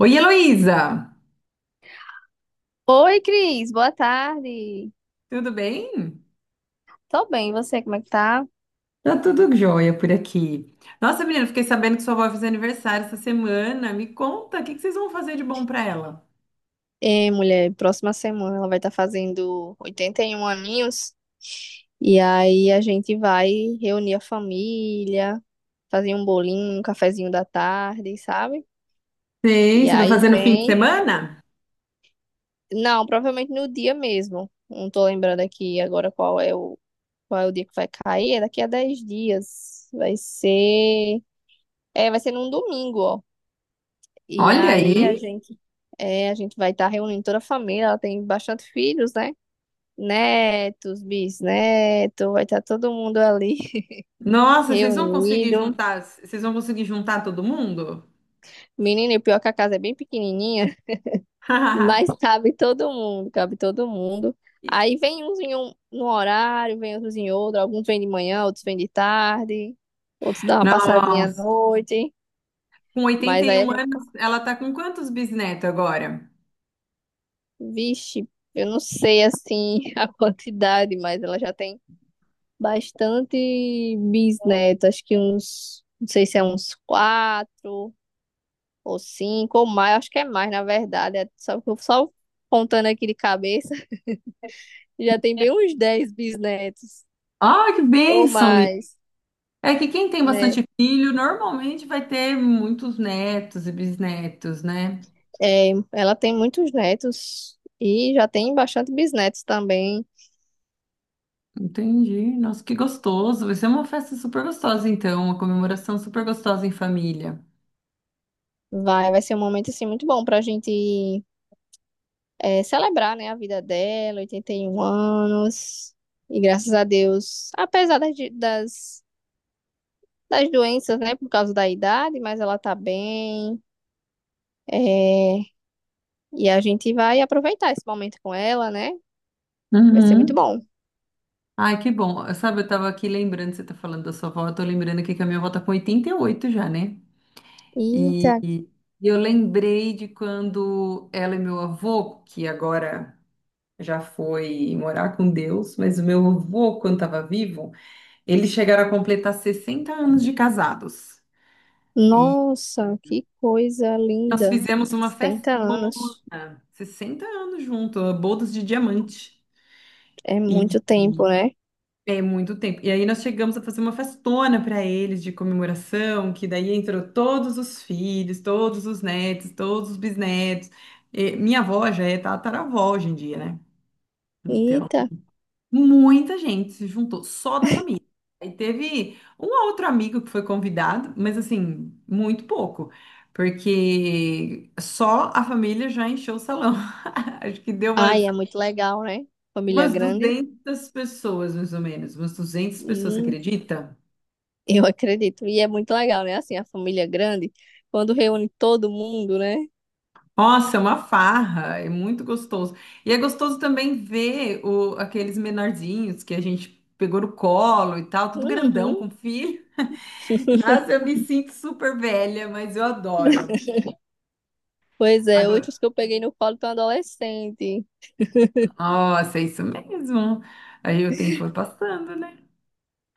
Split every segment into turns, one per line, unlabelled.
Oi, Heloísa!
Oi, Cris, boa tarde.
Tudo bem?
Tô bem, e você, como é que tá?
Tá tudo jóia por aqui. Nossa, menina, fiquei sabendo que sua avó fez aniversário essa semana. Me conta, o que que vocês vão fazer de bom pra ela?
É, mulher, próxima semana ela vai estar fazendo 81 aninhos. E aí a gente vai reunir a família, fazer um bolinho, um cafezinho da tarde, sabe?
Sei,
E
você vai
aí
fazer no fim de
vem.
semana?
Não, provavelmente no dia mesmo. Não tô lembrando aqui agora qual é o dia que vai cair. É daqui a 10 dias. Vai ser. É, vai ser num domingo, ó. E
Olha
aí
aí.
é, a gente vai estar reunindo toda a família. Ela tem bastante filhos, né? Netos, bisnetos, vai estar todo mundo ali
Nossa,
reunido.
vocês vão conseguir juntar todo mundo?
Menina, e o pior é que a casa é bem pequenininha, mas cabe todo mundo, cabe todo mundo. Aí vem uns em um no horário, vem outros em outro. Alguns vêm de manhã, outros vêm de tarde, outros dão uma passadinha à
Nossa,
noite.
com oitenta
Mas
e um anos, ela tá com quantos bisnetos agora?
vixe, eu não sei assim a quantidade, mas ela já tem bastante bisneto, acho que uns, não sei se é uns quatro ou cinco ou mais, acho que é mais, na verdade. Só contando aqui de cabeça, já tem bem uns 10 bisnetos
Ah, que
ou
bênção.
mais,
É que quem tem
né?
bastante filho normalmente vai ter muitos netos e bisnetos, né?
É, ela tem muitos netos e já tem bastante bisnetos também.
Entendi. Nossa, que gostoso. Vai ser uma festa super gostosa, então, uma comemoração super gostosa em família.
Vai ser um momento assim muito bom pra gente é, celebrar, né, a vida dela, 81 anos. E graças a Deus, apesar das doenças, né, por causa da idade, mas ela tá bem. É, e a gente vai aproveitar esse momento com ela, né? Vai ser muito
Uhum.
bom.
Ai, que bom. Sabe, eu tava aqui lembrando, você tá falando da sua avó, eu tô lembrando aqui que a minha avó tá com 88 já, né?
Eita,
E eu lembrei de quando ela e meu avô, que agora já foi morar com Deus, mas o meu avô, quando estava vivo, eles chegaram a completar 60 anos de casados. E
nossa, que coisa
nós
linda.
fizemos uma festa,
60 anos.
60 anos juntos, bodas de diamante.
É
E,
muito
e
tempo, né?
é muito tempo. E aí nós chegamos a fazer uma festona para eles de comemoração, que daí entrou todos os filhos, todos os netos, todos os bisnetos. E minha avó já é tataravó hoje em dia, né? Então,
Eita.
muita gente se juntou, só da família. Aí teve um outro amigo que foi convidado, mas assim, muito pouco, porque só a família já encheu o salão. Acho que deu umas,
Ai, é muito legal, né? Família
umas
grande.
200 pessoas, mais ou menos, umas 200 pessoas, você
Hum,
acredita?
eu acredito. E é muito legal, né? Assim, a família grande, quando reúne todo mundo, né?
Nossa, é uma farra, é muito gostoso. E é gostoso também ver aqueles menorzinhos que a gente pegou no colo e tal, tudo grandão
Uhum.
com filho. Nossa, eu me sinto super velha, mas eu adoro.
Pois é, hoje
Agora,
os que eu peguei no colo estão adolescente.
nossa, é isso mesmo. Aí o tempo foi passando, né?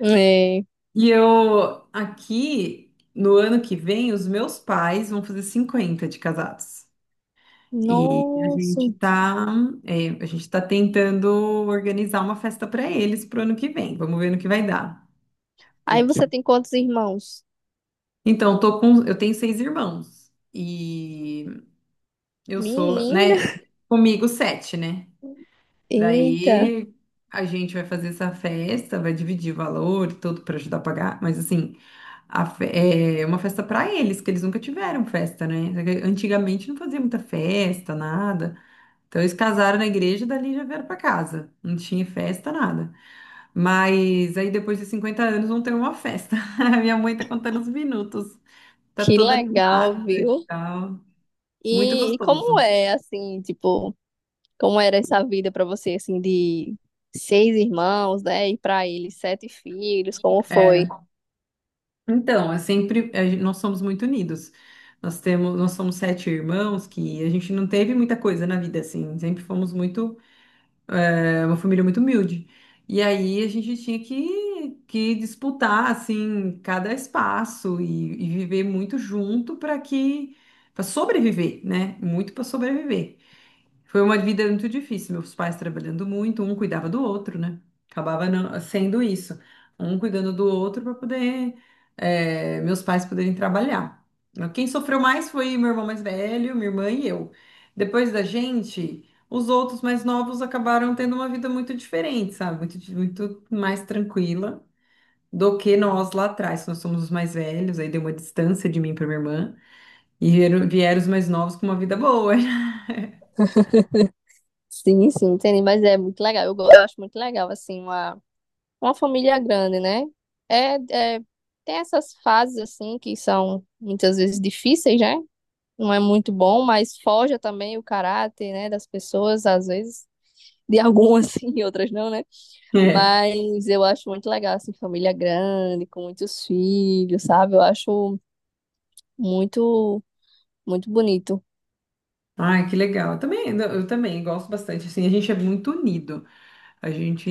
É,
E eu, aqui, no ano que vem, os meus pais vão fazer 50 de casados. E a
nossa.
gente tá, é, a gente tá tentando organizar uma festa para eles pro ano que vem. Vamos ver no que vai dar.
Aí você
Porque,
tem quantos irmãos?
então, eu tenho seis irmãos. E eu sou,
Menina.
né, comigo sete, né?
Eita,
Daí a gente vai fazer essa festa, vai dividir valor e tudo para ajudar a pagar, mas assim, é uma festa para eles, que eles nunca tiveram festa, né? Antigamente não fazia muita festa, nada. Então eles casaram na igreja, dali já vieram para casa. Não tinha festa, nada. Mas aí depois de 50 anos vão ter uma festa. A minha mãe tá contando os minutos. Tá
que
toda
legal,
animada e
viu?
tal. Muito
E
gostoso.
como é assim, tipo, como era essa vida pra você assim de 6 irmãos, né? E pra eles 7 filhos, como
É.
foi?
Então, é sempre, nós somos muito unidos. Nós somos sete irmãos que a gente não teve muita coisa na vida, assim. Sempre fomos muito, uma família muito humilde. E aí a gente tinha que disputar, assim, cada espaço e viver muito junto para para sobreviver, né? Muito para sobreviver. Foi uma vida muito difícil, meus pais trabalhando muito, um cuidava do outro, né? Acabava sendo isso, um cuidando do outro para poder, meus pais poderem trabalhar. Quem sofreu mais foi meu irmão mais velho, minha irmã e eu. Depois da gente, os outros mais novos acabaram tendo uma vida muito diferente, sabe? Muito mais tranquila do que nós lá atrás. Nós somos os mais velhos, aí deu uma distância de mim para minha irmã, e vieram os mais novos com uma vida boa.
Sim, sim, entendi, mas é muito legal. Eu acho muito legal assim uma família grande, né? É, é tem essas fases assim que são muitas vezes difíceis, né? Não é muito bom, mas forja também o caráter, né, das pessoas, às vezes, de algumas sim, outras não, né?
É.
Mas eu acho muito legal, assim, família grande, com muitos filhos, sabe? Muito, muito bonito.
Ai, que legal. Eu também, gosto bastante. Assim, a gente é muito unido. A gente,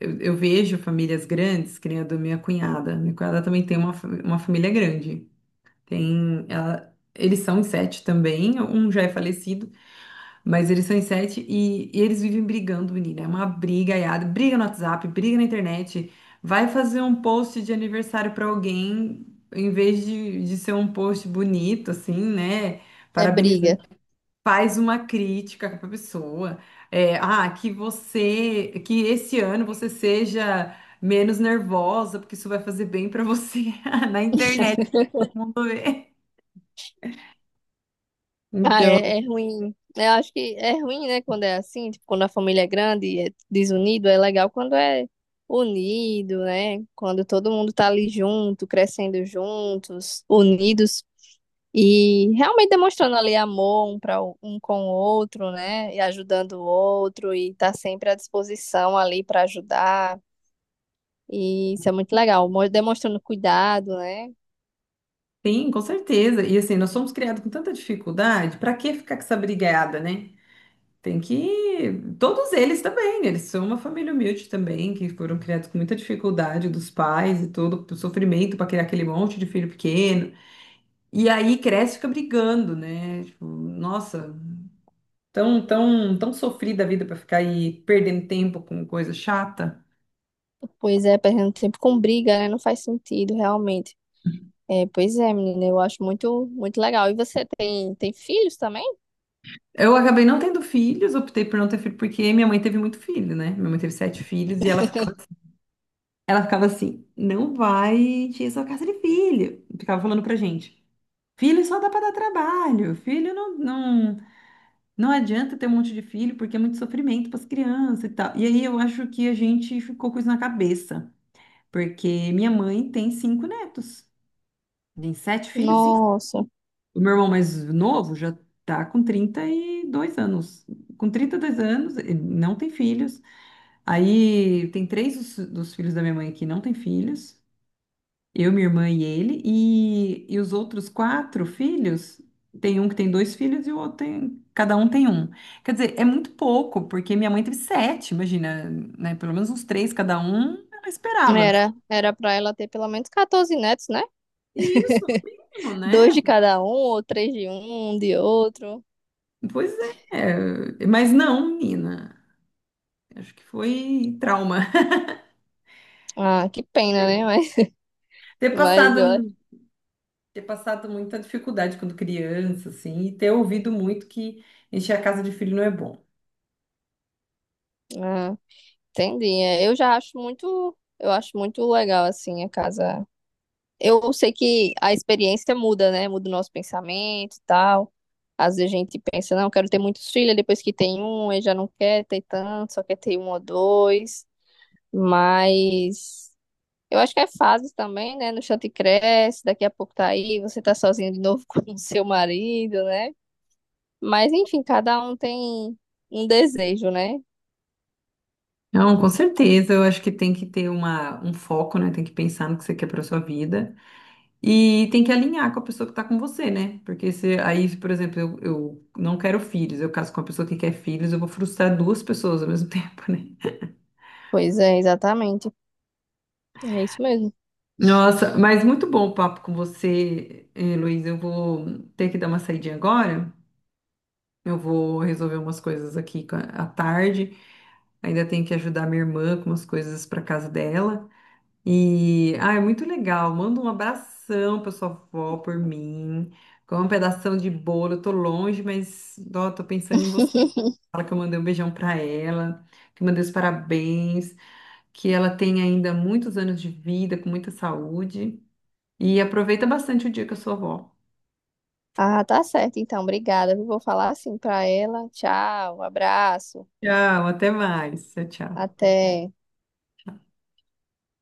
eu vejo famílias grandes, que nem a da minha cunhada. Minha cunhada também tem uma família grande. Eles são em sete também, um já é falecido, mas eles são em sete e eles vivem brigando, menina. É uma briga, aiada, briga no WhatsApp, briga na internet. Vai fazer um post de aniversário para alguém, em vez de ser um post bonito, assim, né?
É briga.
Faz uma crítica para a pessoa. É, ah, que esse ano você seja menos nervosa, porque isso vai fazer bem para você na internet, todo mundo vê.
Ah,
Então,
é ruim. Eu acho que é ruim, né, quando é assim, tipo, quando a família é grande e é desunido, é legal quando é unido, né? Quando todo mundo tá ali junto, crescendo juntos, unidos. E realmente demonstrando ali para um com o outro, né? E ajudando o outro, e tá sempre à disposição ali para ajudar. E isso é muito legal, demonstrando cuidado, né?
sim, com certeza. E assim, nós somos criados com tanta dificuldade, para que ficar com essa brigada, né? Tem que. Todos eles também, né? Eles são uma família humilde também, que foram criados com muita dificuldade dos pais e todo o sofrimento para criar aquele monte de filho pequeno. E aí cresce e fica brigando, né? Tipo, nossa, tão sofrida a vida pra ficar aí perdendo tempo com coisa chata.
Pois é, perdendo tempo com briga, né? Não faz sentido, realmente. É, pois é, menina, muito legal. E você tem filhos também?
Eu acabei não tendo filhos, optei por não ter filho, porque minha mãe teve muito filho, né? Minha mãe teve sete filhos e ela ficava, ela ficava assim, não vai encher sua casa de filho. Ficava falando pra gente. Filho só dá pra dar trabalho, filho não adianta ter um monte de filho porque é muito sofrimento pras crianças e tal. E aí eu acho que a gente ficou com isso na cabeça. Porque minha mãe tem cinco netos. Tem sete filhos, sim.
Nossa,
O meu irmão mais novo já tá com 32 anos. Com 32 anos, ele não tem filhos. Aí tem três dos filhos da minha mãe que não tem filhos. Eu, minha irmã e ele. E os outros quatro filhos, tem um que tem dois filhos e o outro tem... Cada um tem um. Quer dizer, é muito pouco, porque minha mãe teve sete, imagina, né? Pelo menos uns três cada um, ela esperava.
era para ela ter pelo menos 14 netos, né?
E isso, mínimo,
Dois
né?
de cada um, ou três de um, um de outro.
Pois é, mas não, menina. Acho que foi trauma.
Ah, que pena, né? Mas,
Ter
mas
passado,
eu
ter passado muita dificuldade quando criança, assim, e ter ouvido muito que encher a casa de filho não é bom.
ah, entendi. É, eu já acho muito, eu acho muito legal assim a casa. Eu sei que a experiência muda, né? Muda o nosso pensamento e tal. Às vezes a gente pensa, não, quero ter muitos filhos, depois que tem um, aí já não quer ter tanto, só quer ter um ou dois. Mas eu acho que é fases também, né? No chão te cresce, daqui a pouco tá aí, você tá sozinho de novo com o seu marido, né? Mas enfim, cada um tem um desejo, né?
Não, com certeza. Eu acho que tem que ter uma, um foco, né? Tem que pensar no que você quer para sua vida. E tem que alinhar com a pessoa que tá com você, né? Porque se aí, por exemplo, eu não quero filhos, eu caso com uma pessoa que quer filhos, eu vou frustrar duas pessoas ao mesmo tempo, né?
Pois é, exatamente. É isso mesmo.
Nossa, mas muito bom o papo com você, eh, Luiz. Eu vou ter que dar uma saidinha agora. Eu vou resolver umas coisas aqui à tarde. Ainda tenho que ajudar minha irmã com umas coisas para casa dela. E, ah, é muito legal. Manda um abração para sua avó por mim. Com um pedação de bolo. Eu tô longe, mas ó, tô pensando em você. Fala que eu mandei um beijão para ela, que eu mandei os parabéns, que ela tem ainda muitos anos de vida, com muita saúde. E aproveita bastante o dia com a sua avó.
Ah, tá certo, então. Obrigada. Eu vou falar assim pra ela. Tchau, um abraço.
Tchau, até mais. Tchau, tchau.
Até.